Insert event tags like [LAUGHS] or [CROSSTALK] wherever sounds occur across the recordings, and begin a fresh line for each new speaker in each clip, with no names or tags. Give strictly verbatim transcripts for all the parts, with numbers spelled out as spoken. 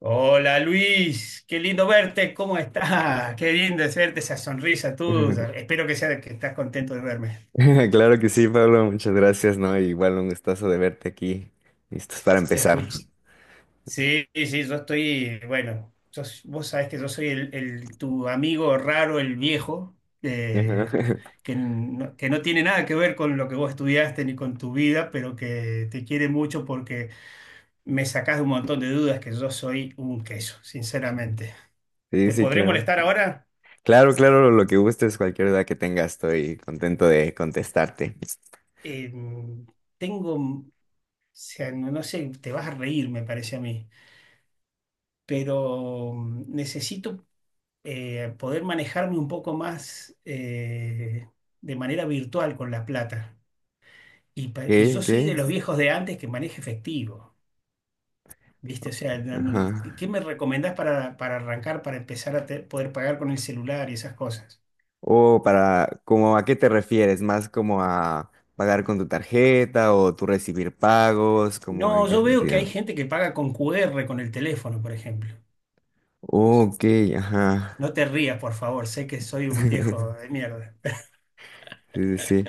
Hola Luis, qué lindo verte, ¿cómo estás? Qué lindo es verte esa sonrisa tuya.
[LAUGHS]
Espero que sea que estás contento de verme.
Claro que sí, Pablo, muchas gracias, ¿no? Igual un gustazo de verte aquí. Listos para empezar.
Escuch- sí, sí, yo estoy, bueno, sos- vos sabés que yo soy el, el- tu amigo raro, el viejo, eh,
Ajá. [LAUGHS]
que, no, que no tiene nada que ver con lo que vos estudiaste ni con tu vida, pero que te quiere mucho porque me sacás de un montón de dudas que yo soy un queso, sinceramente.
Sí,
¿Te
sí,
podré
claro.
molestar ahora?
Claro, claro, lo que gustes, cualquier duda que tengas, estoy contento de contestarte.
Em, tengo. Sea, no, no sé, te vas a reír, me parece a mí, pero mm, necesito eh, poder manejarme un poco más eh, de manera virtual con la plata. Y, pa-
Ok,
y yo soy de los
ok.
viejos de antes que maneja efectivo, ¿viste? O sea, no-
Ajá.
no- ¿qué me recomendás para, para arrancar, para empezar a te- poder pagar con el celular y esas cosas?
O para, como a qué te refieres, más como a pagar con tu tarjeta o tú recibir pagos, como en
No,
qué
yo veo que hay
sentido.
gente que paga con Q R, con el teléfono, por ejemplo.
Ok, ajá.
No te rías, por favor, sé que soy un viejo de
[LAUGHS]
mierda. [LAUGHS]
Sí, sí, sí.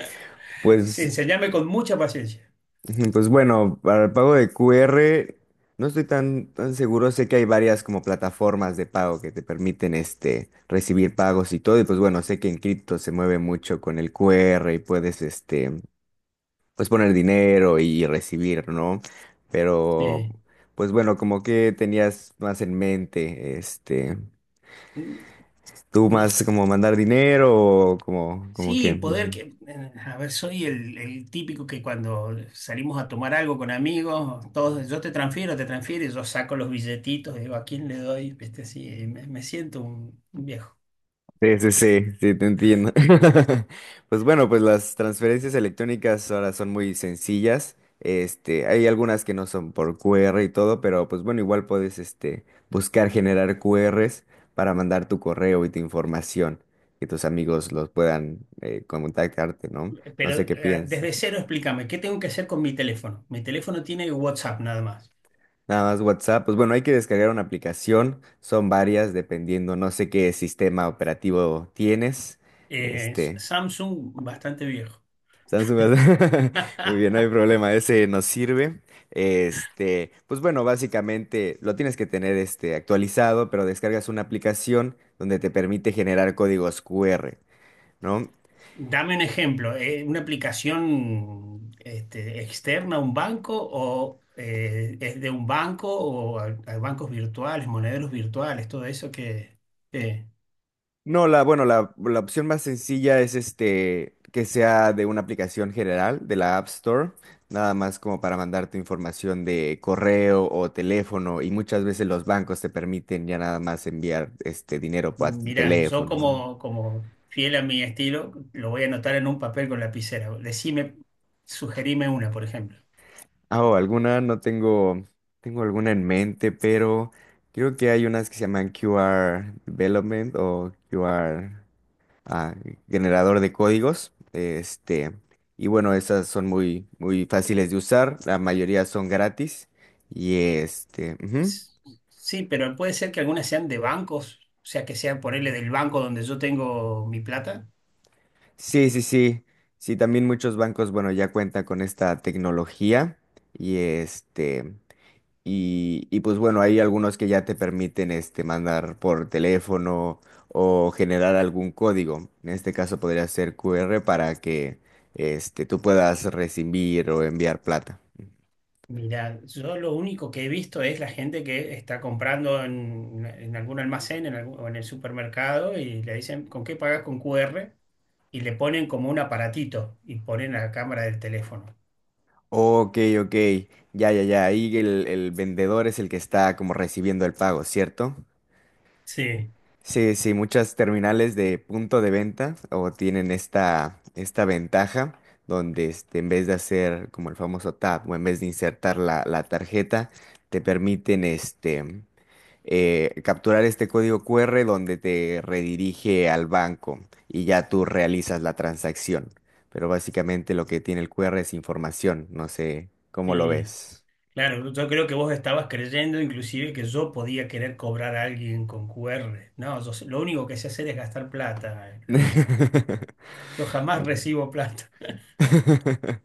Sí,
Pues.
enseñame con mucha paciencia.
Ujú, pues bueno, para el pago de Q R no estoy tan, tan seguro. Sé que hay varias como plataformas de pago que te permiten este, recibir pagos y todo. Y pues bueno, sé que en cripto se mueve mucho con el Q R y puedes este, pues poner dinero y recibir, ¿no? Pero
Sí.
pues bueno, como que tenías más en mente, este, tú
No,
más
s-
como mandar dinero o como, como
sí,
que.
poder que, eh, a ver, soy el, el típico que cuando salimos a tomar algo con amigos, todos, yo te transfiero, te transfiero, y yo saco los billetitos, digo, ¿a quién le doy? Viste, así, y me, me siento un, un viejo.
Sí, sí, sí, sí, te entiendo. [LAUGHS] Pues bueno, pues las transferencias electrónicas ahora son muy sencillas. Este, hay algunas que no son por Q R y todo, pero pues bueno, igual puedes este, buscar generar Q Rs para mandar tu correo y tu información, que tus amigos los puedan eh, contactarte, ¿no? No
Pero
sé qué
eh,
piensas.
desde cero explícame, ¿qué tengo que hacer con mi teléfono? Mi teléfono tiene WhatsApp nada más.
Nada más WhatsApp, pues bueno, hay que descargar una aplicación, son varias dependiendo, no sé qué sistema operativo tienes.
Eh,
Este,
Samsung, bastante viejo.
Samsung, Galaxy. [LAUGHS] Muy bien, no
[LAUGHS]
hay problema, ese nos sirve. Este, pues bueno, básicamente lo tienes que tener este actualizado, pero descargas una aplicación donde te permite generar códigos Q R, ¿no?
Dame un ejemplo, eh, ¿una aplicación este, externa a un banco o eh, es de un banco o a, a bancos virtuales, monederos virtuales, todo eso que... que-
No, la, bueno, la, la opción más sencilla es este que sea de una aplicación general de la App Store, nada más como para mandarte información de correo o teléfono, y muchas veces los bancos te permiten ya nada más enviar este dinero por
mirá, yo
teléfono, ¿no?
como, como fiel a mi estilo, lo voy a anotar en un papel con lapicera. Decime, sugerime una, por ejemplo.
Ah, o alguna, no tengo, tengo alguna en mente, pero creo que hay unas que se llaman Q R Development o Q R ah, generador de códigos. Este, y bueno, esas son muy, muy fáciles de usar. La mayoría son gratis. Y
Eh,
este, ujú.
Sí, pero puede ser que algunas sean de bancos, o sea, que sean ponerle del banco donde yo tengo mi plata.
Sí, sí, sí. Sí, también muchos bancos, bueno, ya cuentan con esta tecnología. Y este. Y, y pues bueno, hay algunos que ya te permiten este, mandar por teléfono o generar algún código. En este caso podría ser Q R para que este, tú puedas recibir o enviar plata.
Mira, yo lo único que he visto es la gente que está comprando en, en algún almacén en algún- o en el supermercado y le dicen, ¿con qué pagas con Q R? Y le ponen como un aparatito y ponen la cámara del teléfono.
Ok, ok. Ya, ya, ya. Ahí el, el vendedor es el que está como recibiendo el pago, ¿cierto?
Sí,
Sí, sí, muchas terminales de punto de venta o tienen esta, esta ventaja donde este, en vez de hacer como el famoso tap o en vez de insertar la, la tarjeta, te permiten este, eh, capturar este código Q R donde te redirige al banco y ya tú realizas la transacción. Pero básicamente lo que tiene el Q R es información, no sé cómo lo
y
ves.
claro, yo creo que vos estabas creyendo inclusive que yo podía querer cobrar a alguien con Q R. No, yo sé- lo único que sé hacer es gastar plata, Luis.
[LAUGHS]
Yo jamás recibo plata.
[LAUGHS]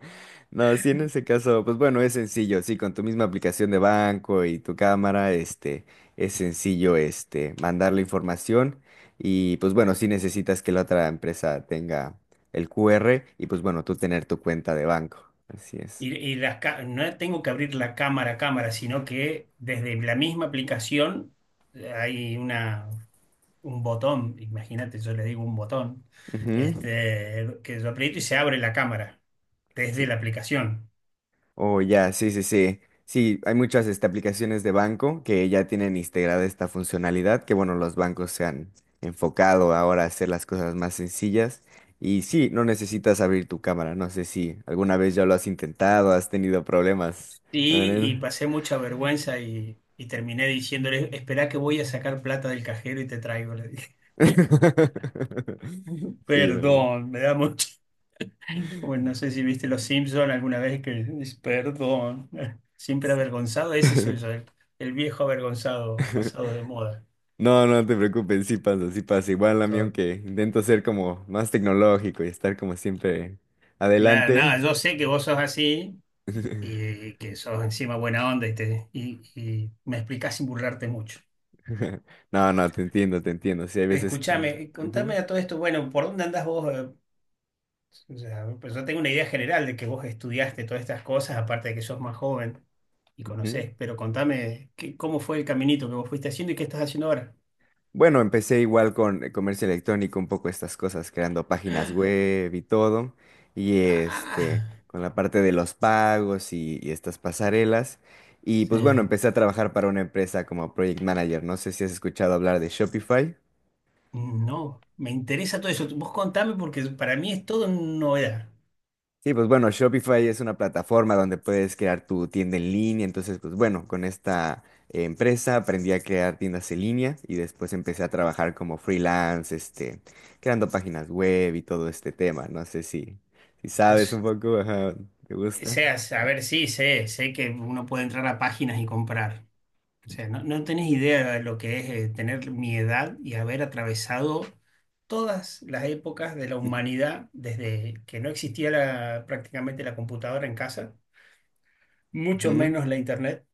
No, sí, en ese caso, pues bueno, es sencillo, sí, con tu misma aplicación de banco y tu cámara, este, es sencillo, este, mandar la información y pues bueno, sí necesitas que la otra empresa tenga el Q R y pues bueno, tú tener tu cuenta de banco. Así es.
Y, y las ca- no tengo que abrir la cámara a cámara, sino que desde la misma aplicación eh, hay una, un botón, imagínate, yo le digo un botón,
Ujú.
este, que yo aprieto y se abre la cámara desde la aplicación.
Oh, ya, sí, sí, sí. Sí, hay muchas este, aplicaciones de banco que ya tienen integrada esta funcionalidad, que bueno, los bancos se han enfocado ahora a hacer las cosas más sencillas. Y sí, no necesitas abrir tu cámara. No sé si alguna vez ya lo has intentado, has tenido problemas.
Y, y pasé mucha vergüenza y, y terminé diciéndole, esperá que voy a sacar plata del cajero y te traigo, le dije.
[LAUGHS]
[LAUGHS]
Sí, no.
Perdón, me da mucho. Como no sé si viste Los Simpson alguna vez que dice, perdón, [LAUGHS] siempre avergonzado, ese soy yo,
[LAUGHS]
el, el viejo avergonzado, pasado de moda.
No, no te preocupes, sí pasa, sí pasa. Igual a mí
Yo,
aunque intento ser como más tecnológico y estar como siempre
claro,
adelante.
nada, yo sé que vos sos así
[LAUGHS]
y que sos encima buena onda y, te, y, y me explicás sin burlarte mucho.
[LAUGHS] No, no, te entiendo, te entiendo. Sí, hay veces que...
Escúchame,
Ujú,
contame a todo esto, bueno, ¿por dónde andás vos, eh? O sea, pues yo tengo una idea general de que vos estudiaste todas estas cosas, aparte de que sos más joven y
ujú.
conocés, pero contame qué- cómo fue el caminito que vos fuiste haciendo y qué estás haciendo ahora.
Bueno, empecé igual con el comercio electrónico, un poco estas cosas, creando páginas web y todo. Y este,
Ah,
con la parte de los pagos y, y estas pasarelas. Y pues bueno,
sí.
empecé a trabajar para una empresa como Project Manager. No sé si has escuchado hablar de Shopify.
No, me interesa todo eso. Vos contame porque para mí es todo novedad.
Sí, pues bueno, Shopify es una plataforma donde puedes crear tu tienda en línea. Entonces, pues bueno, con esta eh, empresa aprendí a crear tiendas en línea y después empecé a trabajar como freelance, este, creando páginas web y todo este tema. No sé si, si
O
sabes un
se-
poco, ajá, ¿te gusta?
sea, a ver, sí, sé, sé que uno puede entrar a páginas y comprar. O sea, no, no tenés idea de lo que es eh, tener mi edad y haber atravesado todas las épocas de la humanidad desde que no existía la- prácticamente la computadora en casa, mucho
Ujú.
menos la internet.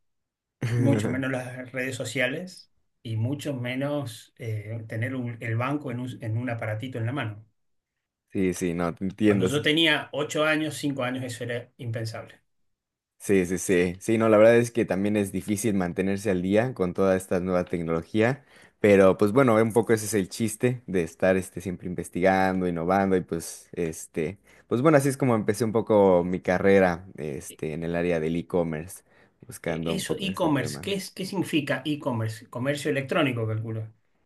Mucho menos
[LAUGHS]
las redes sociales y mucho menos eh, tener un- el banco en un, en un aparatito en la mano.
Sí, sí, no, te
Cuando
entiendo.
yo tenía ocho años, cinco años, eso era impensable.
Sí, sí, sí. Sí, no, la verdad es que también es difícil mantenerse al día con toda esta nueva tecnología, pero pues bueno, un poco ese es el chiste de estar este, siempre investigando, innovando y pues este, pues bueno, así es como empecé un poco mi carrera este, en el área del e-commerce,
E-
buscando un
Eso,
poco este
e-commerce,
tema.
¿qué es, qué significa e-commerce? Comercio electrónico, calculo.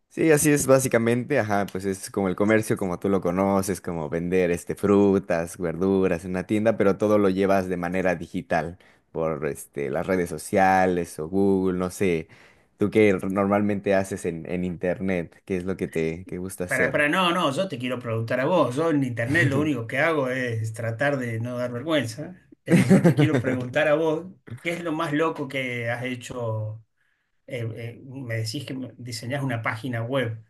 Sí, así es básicamente, ajá, pues es como el comercio, como tú lo conoces, como vender este frutas, verduras en una tienda, pero todo lo llevas de manera digital por este las redes sociales o Google, no sé. ¿Tú qué r- normalmente haces en, en internet? ¿Qué es lo que te que gusta
Para,
hacer?
para, no, no, yo te quiero preguntar a vos. Yo en internet lo único
[LAUGHS]
que hago es tratar de no dar vergüenza. Eh, yo te quiero preguntar
[LAUGHS]
a vos, ¿qué es lo más loco que has hecho? Eh, eh, me decís que me- diseñás una página web.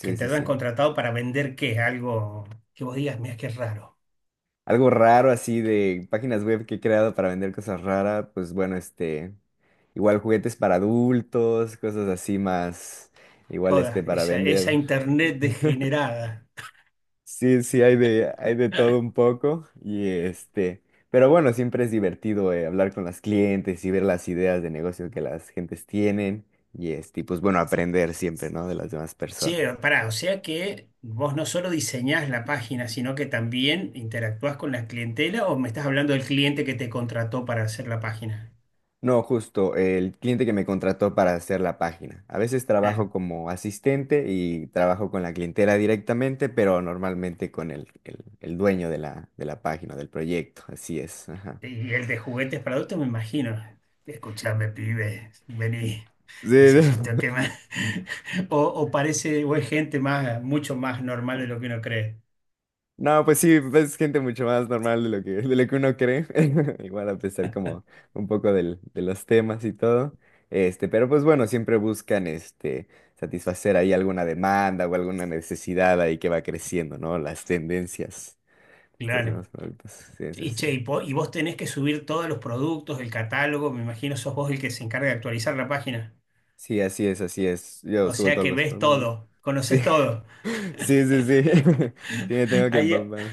Que te
sí,
hayan
sí.
contratado para vender qué, algo que vos digas, mira qué raro.
Algo raro así de páginas web que he creado para vender cosas raras, pues bueno, este, igual juguetes para adultos, cosas así más, igual este
Toda
para
esa, esa
vender.
internet degenerada.
Sí, sí, hay de, hay de todo un poco y este, pero bueno, siempre es divertido eh, hablar con las clientes y ver las ideas de negocio que las gentes tienen y este, y pues bueno, aprender siempre, ¿no? De las demás
Che,
personas.
pará, o sea que vos no solo diseñás la página, sino que también interactuás con la clientela o me estás hablando del cliente que te contrató para hacer la página.
No, justo, el cliente que me contrató para hacer la página. A veces
Ah,
trabajo como asistente y trabajo con la clientela directamente, pero normalmente con el, el- el dueño de la, de la página, del proyecto. Así es. Ajá.
y el de juguetes para adultos, me imagino. Escuchame, pibe, vení,
Sí,
necesito que
[LAUGHS]
me... [LAUGHS] O, o parece, o es gente más, mucho más normal de lo que uno cree.
no, pues sí, es gente mucho más normal de lo que, de lo que uno cree. [LAUGHS] Igual a pesar como un poco del- de los temas y todo. Este, pero pues bueno, siempre buscan este satisfacer ahí alguna demanda o alguna necesidad ahí que va creciendo, ¿no? Las tendencias. Estas son
Claro.
las palmitas. Sí, sí,
Y
sí.
che, y, po- y vos tenés que subir todos los productos, el catálogo, me imagino sos vos el que se encarga de actualizar la página.
Sí, así es, así es. Yo
O
subo
sea
todos
que
los
ves
palmas.
todo,
Sí.
conoces
[LAUGHS]
todo.
Sí, sí, sí. [LAUGHS] Sí, me tengo
[LAUGHS]
que
¿Hay,
empampar.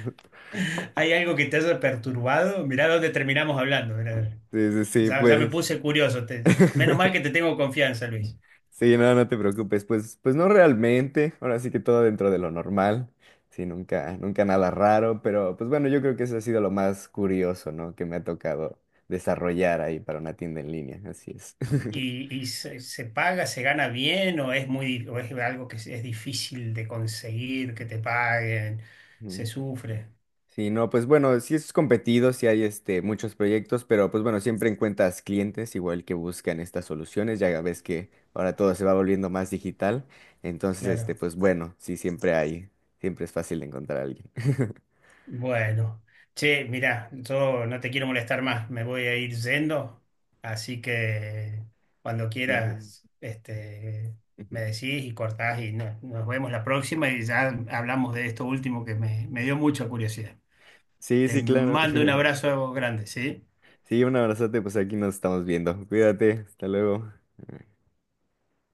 hay algo que te haya perturbado? Mirá dónde terminamos hablando, mirá.
Sí, sí, sí,
Ya, ya me
pues.
puse curioso. Te- menos mal que
[LAUGHS]
te tengo confianza, Luis.
Sí, no, no te preocupes. Pues, pues no realmente. Ahora sí que todo dentro de lo normal. Sí, nunca, nunca nada raro. Pero, pues bueno, yo creo que eso ha sido lo más curioso, ¿no? Que me ha tocado desarrollar ahí para una tienda en línea. Así es. [LAUGHS]
¿Y, y se, se paga, se gana bien o es muy, o es algo que es, es difícil de conseguir, que te paguen? Se
Mm.
sufre,
Sí, no, pues bueno, sí es competido, sí hay este, muchos proyectos, pero pues bueno, siempre encuentras clientes igual que buscan estas soluciones, ya ves que ahora todo se va volviendo más digital, entonces este,
claro.
pues bueno, sí siempre hay, siempre es fácil encontrar a alguien. [LAUGHS]
Bueno, che, mirá, yo no te quiero molestar más, me voy a ir yendo, así que cuando
Sí, sí,
quieras, este, me
ujú.
decís y cortás y no- nos vemos la próxima y ya hablamos de esto último que me, me dio mucha curiosidad.
Sí,
Te
sí, claro.
mando un
[LAUGHS]
abrazo grande, ¿sí?
Sí, un abrazote, pues aquí nos estamos viendo. Cuídate, hasta luego.